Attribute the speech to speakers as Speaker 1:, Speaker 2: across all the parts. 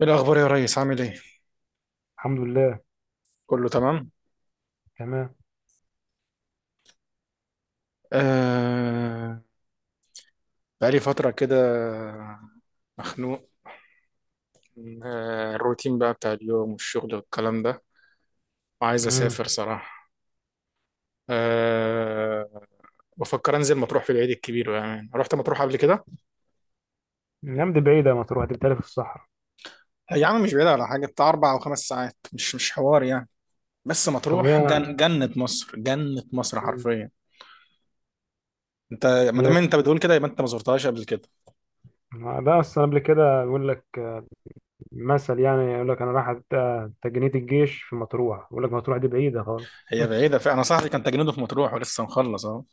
Speaker 1: إيه الأخبار يا ريس، عامل إيه؟
Speaker 2: الحمد لله.
Speaker 1: كله تمام؟
Speaker 2: تمام.
Speaker 1: آه. بقالي فترة كده مخنوق من الروتين بقى بتاع اليوم والشغل والكلام ده، وعايز
Speaker 2: امم
Speaker 1: أسافر صراحة. آه. بفكر أنزل مطروح في العيد الكبير، يعني رحت مطروح قبل كده؟
Speaker 2: الأيام دي بعيدة، ما تروح دي بتالي في الصحراء.
Speaker 1: يا عم، مش بعيد، على حاجة بتاع 4 أو 5 ساعات، مش حوار يعني. بس
Speaker 2: طب
Speaker 1: مطروح
Speaker 2: أنا.
Speaker 1: جنة مصر، جنة مصر
Speaker 2: مم.
Speaker 1: حرفيا. أنت، ما
Speaker 2: هي،
Speaker 1: دام أنت بتقول كده يبقى أنت ما زرتهاش قبل كده.
Speaker 2: ده أصلا قبل كده يقول لك مثل يعني يقول لك أنا رايح تجنيد الجيش في مطروح، يقول لك مطروح دي بعيدة خالص.
Speaker 1: هي بعيدة فعلا، أنا صاحبي كان تجنيده في مطروح ولسه مخلص أهو.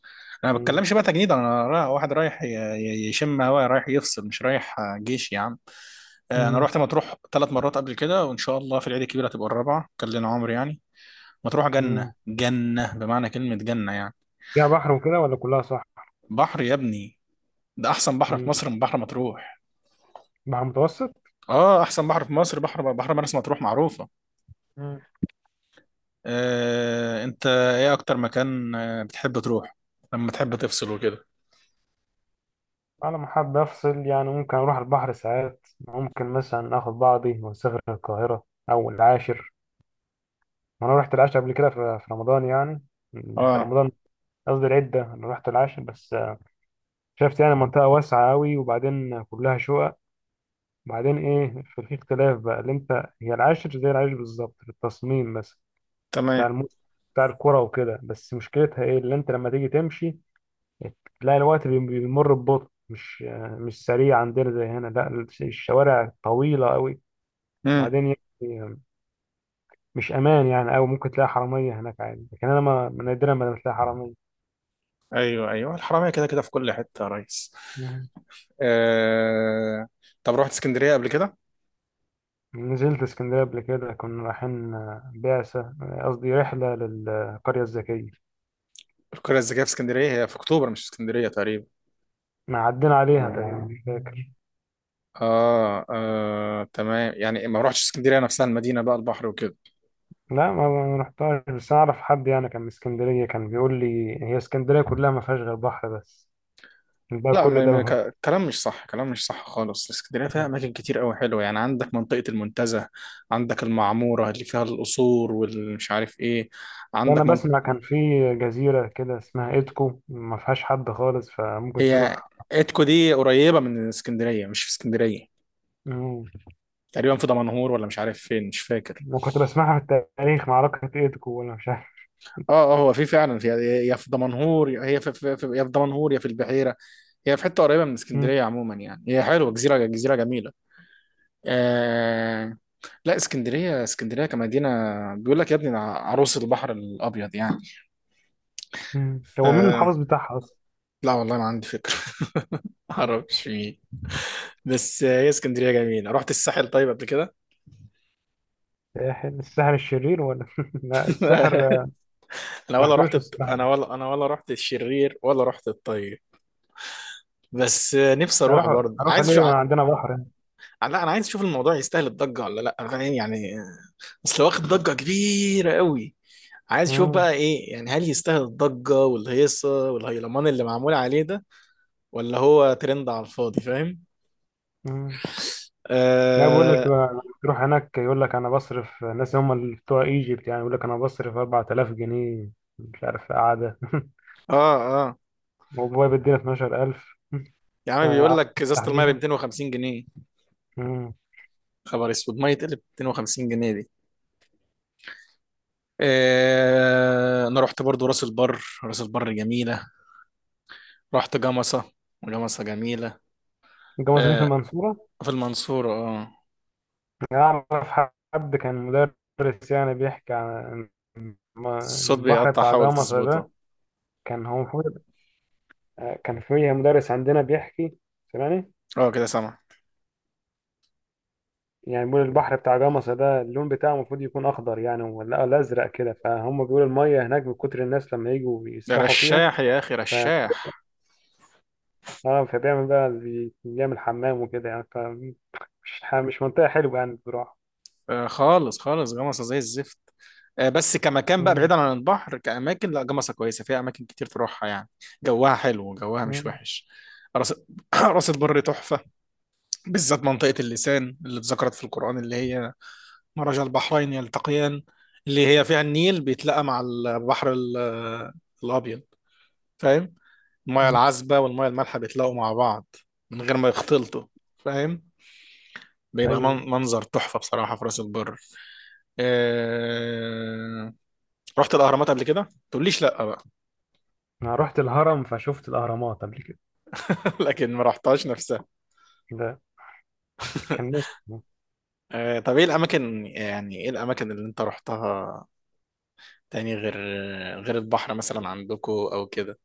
Speaker 1: أنا ما
Speaker 2: مم.
Speaker 1: بتكلمش بقى تجنيد، أنا واحد رايح يشم هوا، رايح يفصل، مش رايح جيش يا عم. أنا
Speaker 2: مم.
Speaker 1: رحت مطروح ثلاث مرات قبل كده، وإن شاء الله في العيد الكبير هتبقى الرابعة، كان لنا عمر يعني. مطروح جنة،
Speaker 2: مم.
Speaker 1: جنة بمعنى كلمة جنة يعني.
Speaker 2: فيها بحر وكده ولا كلها صح؟
Speaker 1: بحر يا ابني، ده أحسن بحر في
Speaker 2: مم.
Speaker 1: مصر من بحر مطروح.
Speaker 2: بحر متوسط؟
Speaker 1: آه، أحسن بحر في مصر بحر مرسى مطروح معروفة.
Speaker 2: مم.
Speaker 1: أنت إيه أكتر مكان بتحب تروح لما تحب تفصل وكده؟
Speaker 2: أنا لما حابب أفصل يعني ممكن أروح البحر ساعات، ممكن مثلا آخد بعضي وأسافر القاهرة أو العاشر. وأنا رحت العاشر قبل كده في رمضان يعني في
Speaker 1: آه.
Speaker 2: رمضان. قصدي العدة، أنا رحت العاشر بس شفت يعني منطقة واسعة أوي، وبعدين كلها شقق. وبعدين إيه؟ في اختلاف بقى اللي أنت. هي العاشر زي العاشر بالظبط في التصميم، بس
Speaker 1: تمام.
Speaker 2: بتاع بتاع الكرة وكده. بس مشكلتها إيه اللي أنت لما تيجي تمشي تلاقي الوقت بيمر ببطء، مش مش سريع عندنا زي هنا. لا الشوارع طويلة أوي،
Speaker 1: مم.
Speaker 2: وبعدين يعني مش أمان يعني أوي، ممكن تلاقي حرامية هناك عادي، لكن أنا ما نادرا ما بتلاقي حرامية.
Speaker 1: ايوه، ايوه، الحراميه كده كده في كل حته يا ريس. آه. طب رحت اسكندريه قبل كده؟
Speaker 2: نزلت اسكندرية قبل كده، كنا رايحين بعثة قصدي رحلة للقرية الذكية.
Speaker 1: القريه الذكيه في اسكندريه؟ هي في اكتوبر مش في اسكندريه تقريبا.
Speaker 2: ما عدينا عليها تقريبا، مش فاكر.
Speaker 1: تمام، يعني ما رحتش اسكندريه نفسها، المدينه بقى، البحر وكده.
Speaker 2: لا ما رحتهاش، بس أنا أعرف حد يعني كان من اسكندرية، كان بيقول لي هي اسكندرية كلها ما فيهاش غير بحر بس، بقى
Speaker 1: لا،
Speaker 2: كل ده منهوش.
Speaker 1: كلام مش صح، كلام مش صح خالص، اسكندريه فيها
Speaker 2: فيه.
Speaker 1: اماكن كتير قوي حلوه يعني. عندك منطقه المنتزه، عندك المعموره اللي فيها القصور والمش عارف ايه،
Speaker 2: أنا
Speaker 1: عندك من...
Speaker 2: بسمع كان في جزيرة كده اسمها إيدكو، ما فيهاش حد خالص، فممكن
Speaker 1: هي
Speaker 2: تروح.
Speaker 1: اتكو دي قريبه من اسكندريه، مش في اسكندريه،
Speaker 2: مم.
Speaker 1: تقريبا في دمنهور ولا مش عارف فين، مش فاكر.
Speaker 2: وكنت بسمعها في التاريخ، معركة إيدكو ولا مش عارف.
Speaker 1: اه، اه، هو في فعلا في، يا في دمنهور، يا هي في, في, في يا في دمنهور يا في البحيره. هي في حته قريبه من
Speaker 2: مم.
Speaker 1: اسكندريه عموما يعني، هي حلوه، جزيره جزيره جميله. آه. لا، اسكندريه، اسكندريه كمدينه، بيقول لك يا ابني ده عروس البحر الابيض يعني.
Speaker 2: مم. هو مين
Speaker 1: آه.
Speaker 2: المحافظ بتاعها أصلا؟
Speaker 1: لا والله، ما عندي فكره. ما اعرفش مين. بس هي اسكندريه جميله. رحت الساحل طيب قبل كده؟
Speaker 2: الساحل الشرير، ولا لا الساحر. ما رحتوش الصراحة.
Speaker 1: انا ولا رحت الشرير ولا رحت الطيب. بس نفسي
Speaker 2: بس
Speaker 1: اروح
Speaker 2: هروح
Speaker 1: برضه،
Speaker 2: هروح
Speaker 1: عايز
Speaker 2: ليه؟ ما
Speaker 1: لا،
Speaker 2: عندنا بحر يعني.
Speaker 1: انا عايز اشوف الموضوع يستاهل الضجه ولا لا، فاهم يعني؟ اصل واخد ضجة كبيرة قوي، عايز اشوف
Speaker 2: مم.
Speaker 1: بقى ايه يعني، هل يستاهل الضجة والهيصة والهيلمان اللي معمول عليه ده، ولا هو ترند على الفاضي، فاهم؟
Speaker 2: مم. لا بيقول
Speaker 1: اه.
Speaker 2: لك تروح هناك، يقول لك انا بصرف الناس، هم اللي بتوع ايجيبت يعني. يقول لك انا بصرف 4000 جنيه، مش عارف قعدة
Speaker 1: اه. آه.
Speaker 2: وبابايا بيدينا 12000.
Speaker 1: يا عم، بيقول
Speaker 2: آه،
Speaker 1: لك ازازة المية ب
Speaker 2: تحريفة.
Speaker 1: 250 جنيه.
Speaker 2: مم.
Speaker 1: خبر اسود، مية تقلب 250 جنيه دي. آه، انا رحت برضو راس البر، راس البر جميلة. رحت جمصة، جمصة جميلة.
Speaker 2: جوازني في
Speaker 1: آه.
Speaker 2: المنصورة.
Speaker 1: في المنصورة، اه.
Speaker 2: أعرف حد كان مدرس يعني بيحكي عن الم-
Speaker 1: الصوت
Speaker 2: البحر
Speaker 1: بيقطع،
Speaker 2: بتاع
Speaker 1: حاول
Speaker 2: جمصة ده.
Speaker 1: تظبطه.
Speaker 2: كان هو المفروض كان في مدرس عندنا بيحكي، سمعني.
Speaker 1: اه، كده سامع.
Speaker 2: يعني بيقول البحر بتاع جمصة ده اللون بتاعه المفروض يكون أخضر يعني، ولا أزرق كده، فهم بيقولوا المية هناك من كتر الناس لما يجوا
Speaker 1: ده
Speaker 2: يسبحوا فيها،
Speaker 1: رشاح يا اخي،
Speaker 2: ف
Speaker 1: رشاح.
Speaker 2: فبيعمل بقى بيعمل حمام وكده يعني، ف مش مش منطقة حلوة يعني بصراحة.
Speaker 1: خالص خالص جمصة زي الزفت. بس كمكان بقى
Speaker 2: مم،
Speaker 1: بعيدا عن البحر، كأماكن لا، جمصة كويسة، فيها أماكن كتير تروحها يعني. جوها حلو، جوها مش
Speaker 2: مم،
Speaker 1: وحش. راس راس البر تحفة، بالذات منطقة اللسان اللي اتذكرت في القرآن، اللي هي مرج البحرين يلتقيان، اللي هي فيها النيل بيتلاقى مع الأبيض، فاهم؟ المياه
Speaker 2: مم.
Speaker 1: العذبة والمياه المالحة بيتلاقوا مع بعض من غير ما يختلطوا، فاهم؟ بيبقى
Speaker 2: أيوة.
Speaker 1: منظر تحفة بصراحة في راس البر. آه، رحت الاهرامات قبل كده؟ تقوليش لا بقى.
Speaker 2: أنا رحت الهرم فشفت الأهرامات قبل كده.
Speaker 1: لكن ما رحتهاش نفسها.
Speaker 2: ده كان نفسي.
Speaker 1: طب ايه الاماكن، يعني ايه الاماكن اللي انت رحتها تاني، غير البحر مثلا عندكو او كده،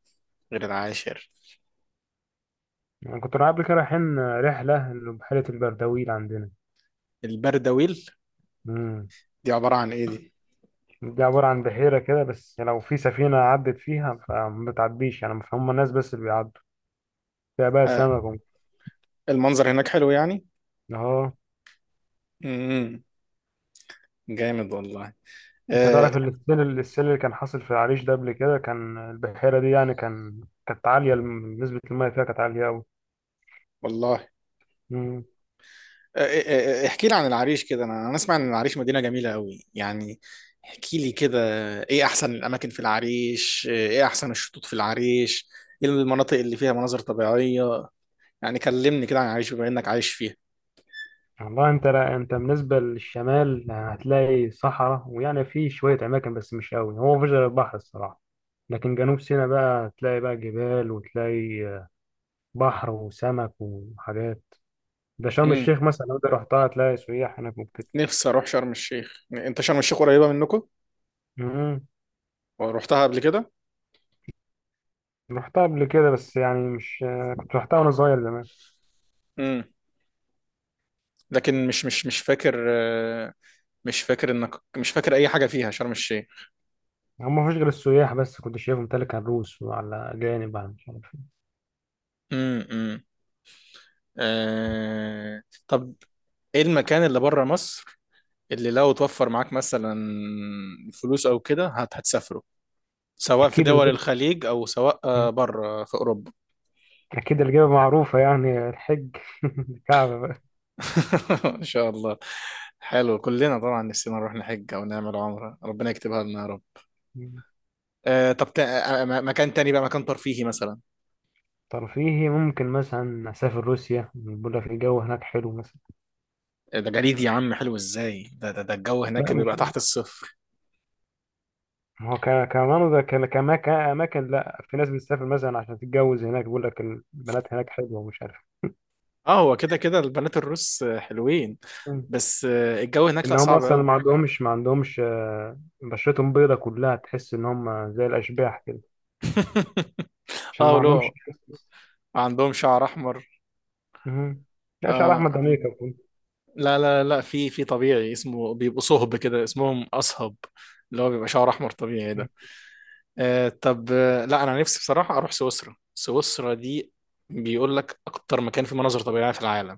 Speaker 1: غير العاشر؟
Speaker 2: أنا كنت قبل كده رايحين رحلة لبحيرة البردويل عندنا.
Speaker 1: البردويل؟
Speaker 2: مم.
Speaker 1: دي عبارة عن ايه دي؟
Speaker 2: دي عبارة عن بحيرة كده، بس لو في سفينة عدت فيها فما بتعديش يعني، هم الناس بس اللي بيعدوا فيها، بقى
Speaker 1: آه،
Speaker 2: سمك
Speaker 1: المنظر هناك حلو يعني.
Speaker 2: اه.
Speaker 1: امم جامد والله
Speaker 2: انت
Speaker 1: آه،
Speaker 2: تعرف السيل اللي كان حاصل في العريش ده؟ قبل كده كان البحيرة دي يعني كان، كانت عالية نسبة المية فيها كانت عالية أوي.
Speaker 1: والله.
Speaker 2: مم.
Speaker 1: احكي لي عن العريش كده، انا اسمع ان العريش مدينة جميلة قوي يعني. احكي لي كده. ايه احسن الاماكن في العريش؟ ايه احسن الشطوط في العريش؟ ايه المناطق اللي فيها مناظر طبيعية؟ يعني كلمني كده عن العريش بما انك عايش فيها.
Speaker 2: والله انت، لا انت بالنسبة للشمال هتلاقي صحراء ويعني في شوية أماكن، بس مش أوي. هو مفيش غير البحر الصراحة، لكن جنوب سيناء بقى هتلاقي بقى جبال وتلاقي بحر وسمك وحاجات. ده شرم
Speaker 1: امم
Speaker 2: الشيخ مثلا لو انت رحتها هتلاقي سياح هناك ممكن.
Speaker 1: نفسي اروح شرم الشيخ. انت شرم الشيخ قريبة منكم
Speaker 2: امم
Speaker 1: ورحتها قبل كده؟
Speaker 2: رحتها قبل كده بس يعني مش، كنت رحتها وانا صغير زمان.
Speaker 1: امم لكن مش فاكر مش فاكر، انك مش فاكر اي حاجة فيها شرم الشيخ.
Speaker 2: هم ما فيش غير السياح بس، كنت شايفهم تلك على الروس وعلى اجانب على مش عارف إيه.
Speaker 1: امم. آه. طب ايه المكان اللي بره مصر، اللي لو توفر معاك مثلا فلوس او كده هتسافره؟ سواء في
Speaker 2: اكيد
Speaker 1: دول
Speaker 2: الجبل.
Speaker 1: الخليج او سواء
Speaker 2: مم.
Speaker 1: بره في اوروبا.
Speaker 2: اكيد الجبل معروفه يعني الحج الكعبه بقى.
Speaker 1: ان شاء الله. حلو، كلنا طبعا نفسنا نروح نحج او نعمل عمره، ربنا يكتبها لنا يا رب.
Speaker 2: مم.
Speaker 1: آه، طب تا... آه، آه، م- مكان تاني بقى، مكان ترفيهي مثلا.
Speaker 2: ترفيهي ممكن مثلا اسافر روسيا، بيقول لك الجو هناك حلو مثلا.
Speaker 1: ده جليد يا عم، حلو ازاي؟ ده الجو هناك
Speaker 2: لا
Speaker 1: بيبقى
Speaker 2: مش،
Speaker 1: تحت الصفر.
Speaker 2: ما هو كمان ده كاماكن، لا في ناس بتسافر مثلا عشان تتجوز هناك، بيقول لك البنات هناك حلوه ومش عارف
Speaker 1: اه، هو كده كده البنات الروس حلوين، بس الجو هناك
Speaker 2: ان
Speaker 1: لا،
Speaker 2: هم
Speaker 1: صعب
Speaker 2: اصلا
Speaker 1: قوي.
Speaker 2: ما عندهمش بشرتهم بيضة كلها، تحس ان هم زي الاشباح كده عشان
Speaker 1: اه،
Speaker 2: ما عندهمش
Speaker 1: ولو
Speaker 2: تحسس.
Speaker 1: عندهم شعر احمر.
Speaker 2: مهم. لا شعر احمد
Speaker 1: آه.
Speaker 2: امريكا يكون.
Speaker 1: لا، لا، لا، في طبيعي اسمه، بيبقوا صهب كده، اسمهم اصهب اللي هو بيبقى شعر احمر طبيعي ده. آه، طب لا، انا نفسي بصراحه اروح سويسرا. سويسرا دي بيقول لك اكتر مكان فيه مناظر طبيعيه في العالم.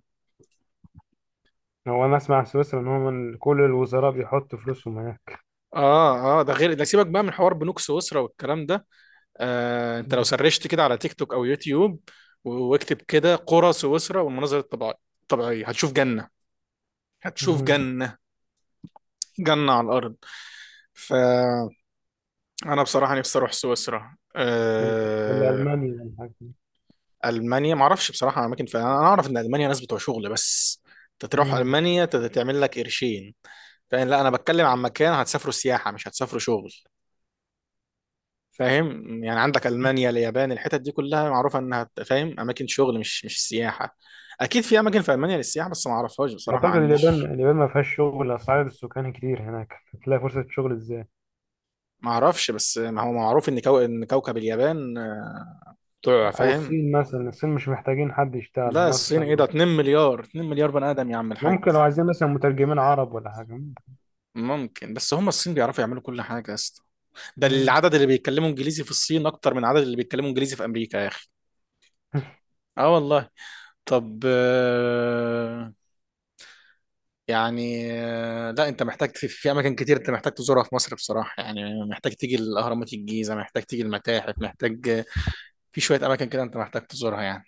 Speaker 2: هو انا اسمع سويسرا ان هم كل الوزراء بيحطوا فلوسهم هناك.
Speaker 1: اه، اه، ده غير، ده سيبك بقى من حوار بنوك سويسرا والكلام ده. آه، انت لو سرشت كده على تيك توك او يوتيوب، واكتب كده قرى سويسرا والمناظر الطبيعيه هتشوف جنه، هتشوف
Speaker 2: مهم.
Speaker 1: جنه، جنه على الارض. ف انا بصراحه نفسي اروح سويسرا.
Speaker 2: ولا المانيا ولا حاجه.
Speaker 1: المانيا ما اعرفش بصراحه اماكن فيها، انا اعرف ان المانيا ناس بتوع شغل بس، انت تروح
Speaker 2: مم.
Speaker 1: المانيا تعمل لك قرشين، فاهم؟ لا، انا بتكلم عن مكان هتسافروا سياحه مش هتسافروا شغل، فاهم يعني؟ عندك المانيا، اليابان، الحتت دي كلها معروفه انها فاهم، اماكن شغل، مش سياحه. اكيد في اماكن في المانيا للسياحه، بس ما اعرفهاش بصراحه، ما
Speaker 2: اعتقد اليابان،
Speaker 1: عنديش.
Speaker 2: اليابان ما فيهاش شغل، اسعار السكان كتير هناك هتلاقي فرصه شغل ازاي.
Speaker 1: ما اعرفش، بس ما هو معروف ان ان كوكب اليابان بتوع،
Speaker 2: او
Speaker 1: فاهم؟
Speaker 2: الصين مثلا، الصين مش محتاجين حد يشتغل
Speaker 1: لا،
Speaker 2: هم
Speaker 1: الصين، ايه
Speaker 2: اصلا.
Speaker 1: ده، 2 مليار، 2 مليار بني ادم يا عم الحاج.
Speaker 2: ممكن لو عايزين مثلا مترجمين عرب ولا حاجه.
Speaker 1: ممكن، بس هم الصين بيعرفوا يعملوا كل حاجة يا اسطى. ده
Speaker 2: مم.
Speaker 1: العدد اللي بيتكلموا انجليزي في الصين اكتر من العدد اللي بيتكلموا انجليزي في امريكا يا اخي. اه والله. طب يعني لا، انت محتاج في اماكن كتير انت محتاج تزورها في مصر بصراحة يعني، محتاج تيجي الاهرامات، الجيزة، محتاج تيجي المتاحف، محتاج في شوية اماكن كده انت محتاج تزورها يعني.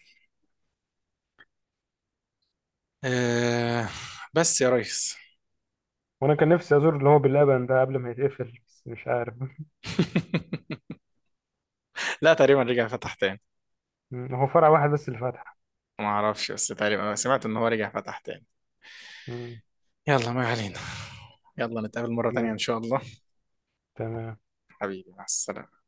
Speaker 1: آه، بس يا ريس.
Speaker 2: وانا كان نفسي ازور اللي هو باللبن ده قبل ما يتقفل، بس مش عارف.
Speaker 1: لا، تقريبا رجع فتح تاني.
Speaker 2: مم. هو فرع واحد بس اللي فتح.
Speaker 1: ما اعرفش، بس تقريبا سمعت ان هو رجع فتح تاني.
Speaker 2: مم.
Speaker 1: يلا، ما علينا. يلا نتقابل مرة تانية
Speaker 2: تمام.
Speaker 1: ان شاء الله.
Speaker 2: تمام.
Speaker 1: حبيبي، مع السلامة.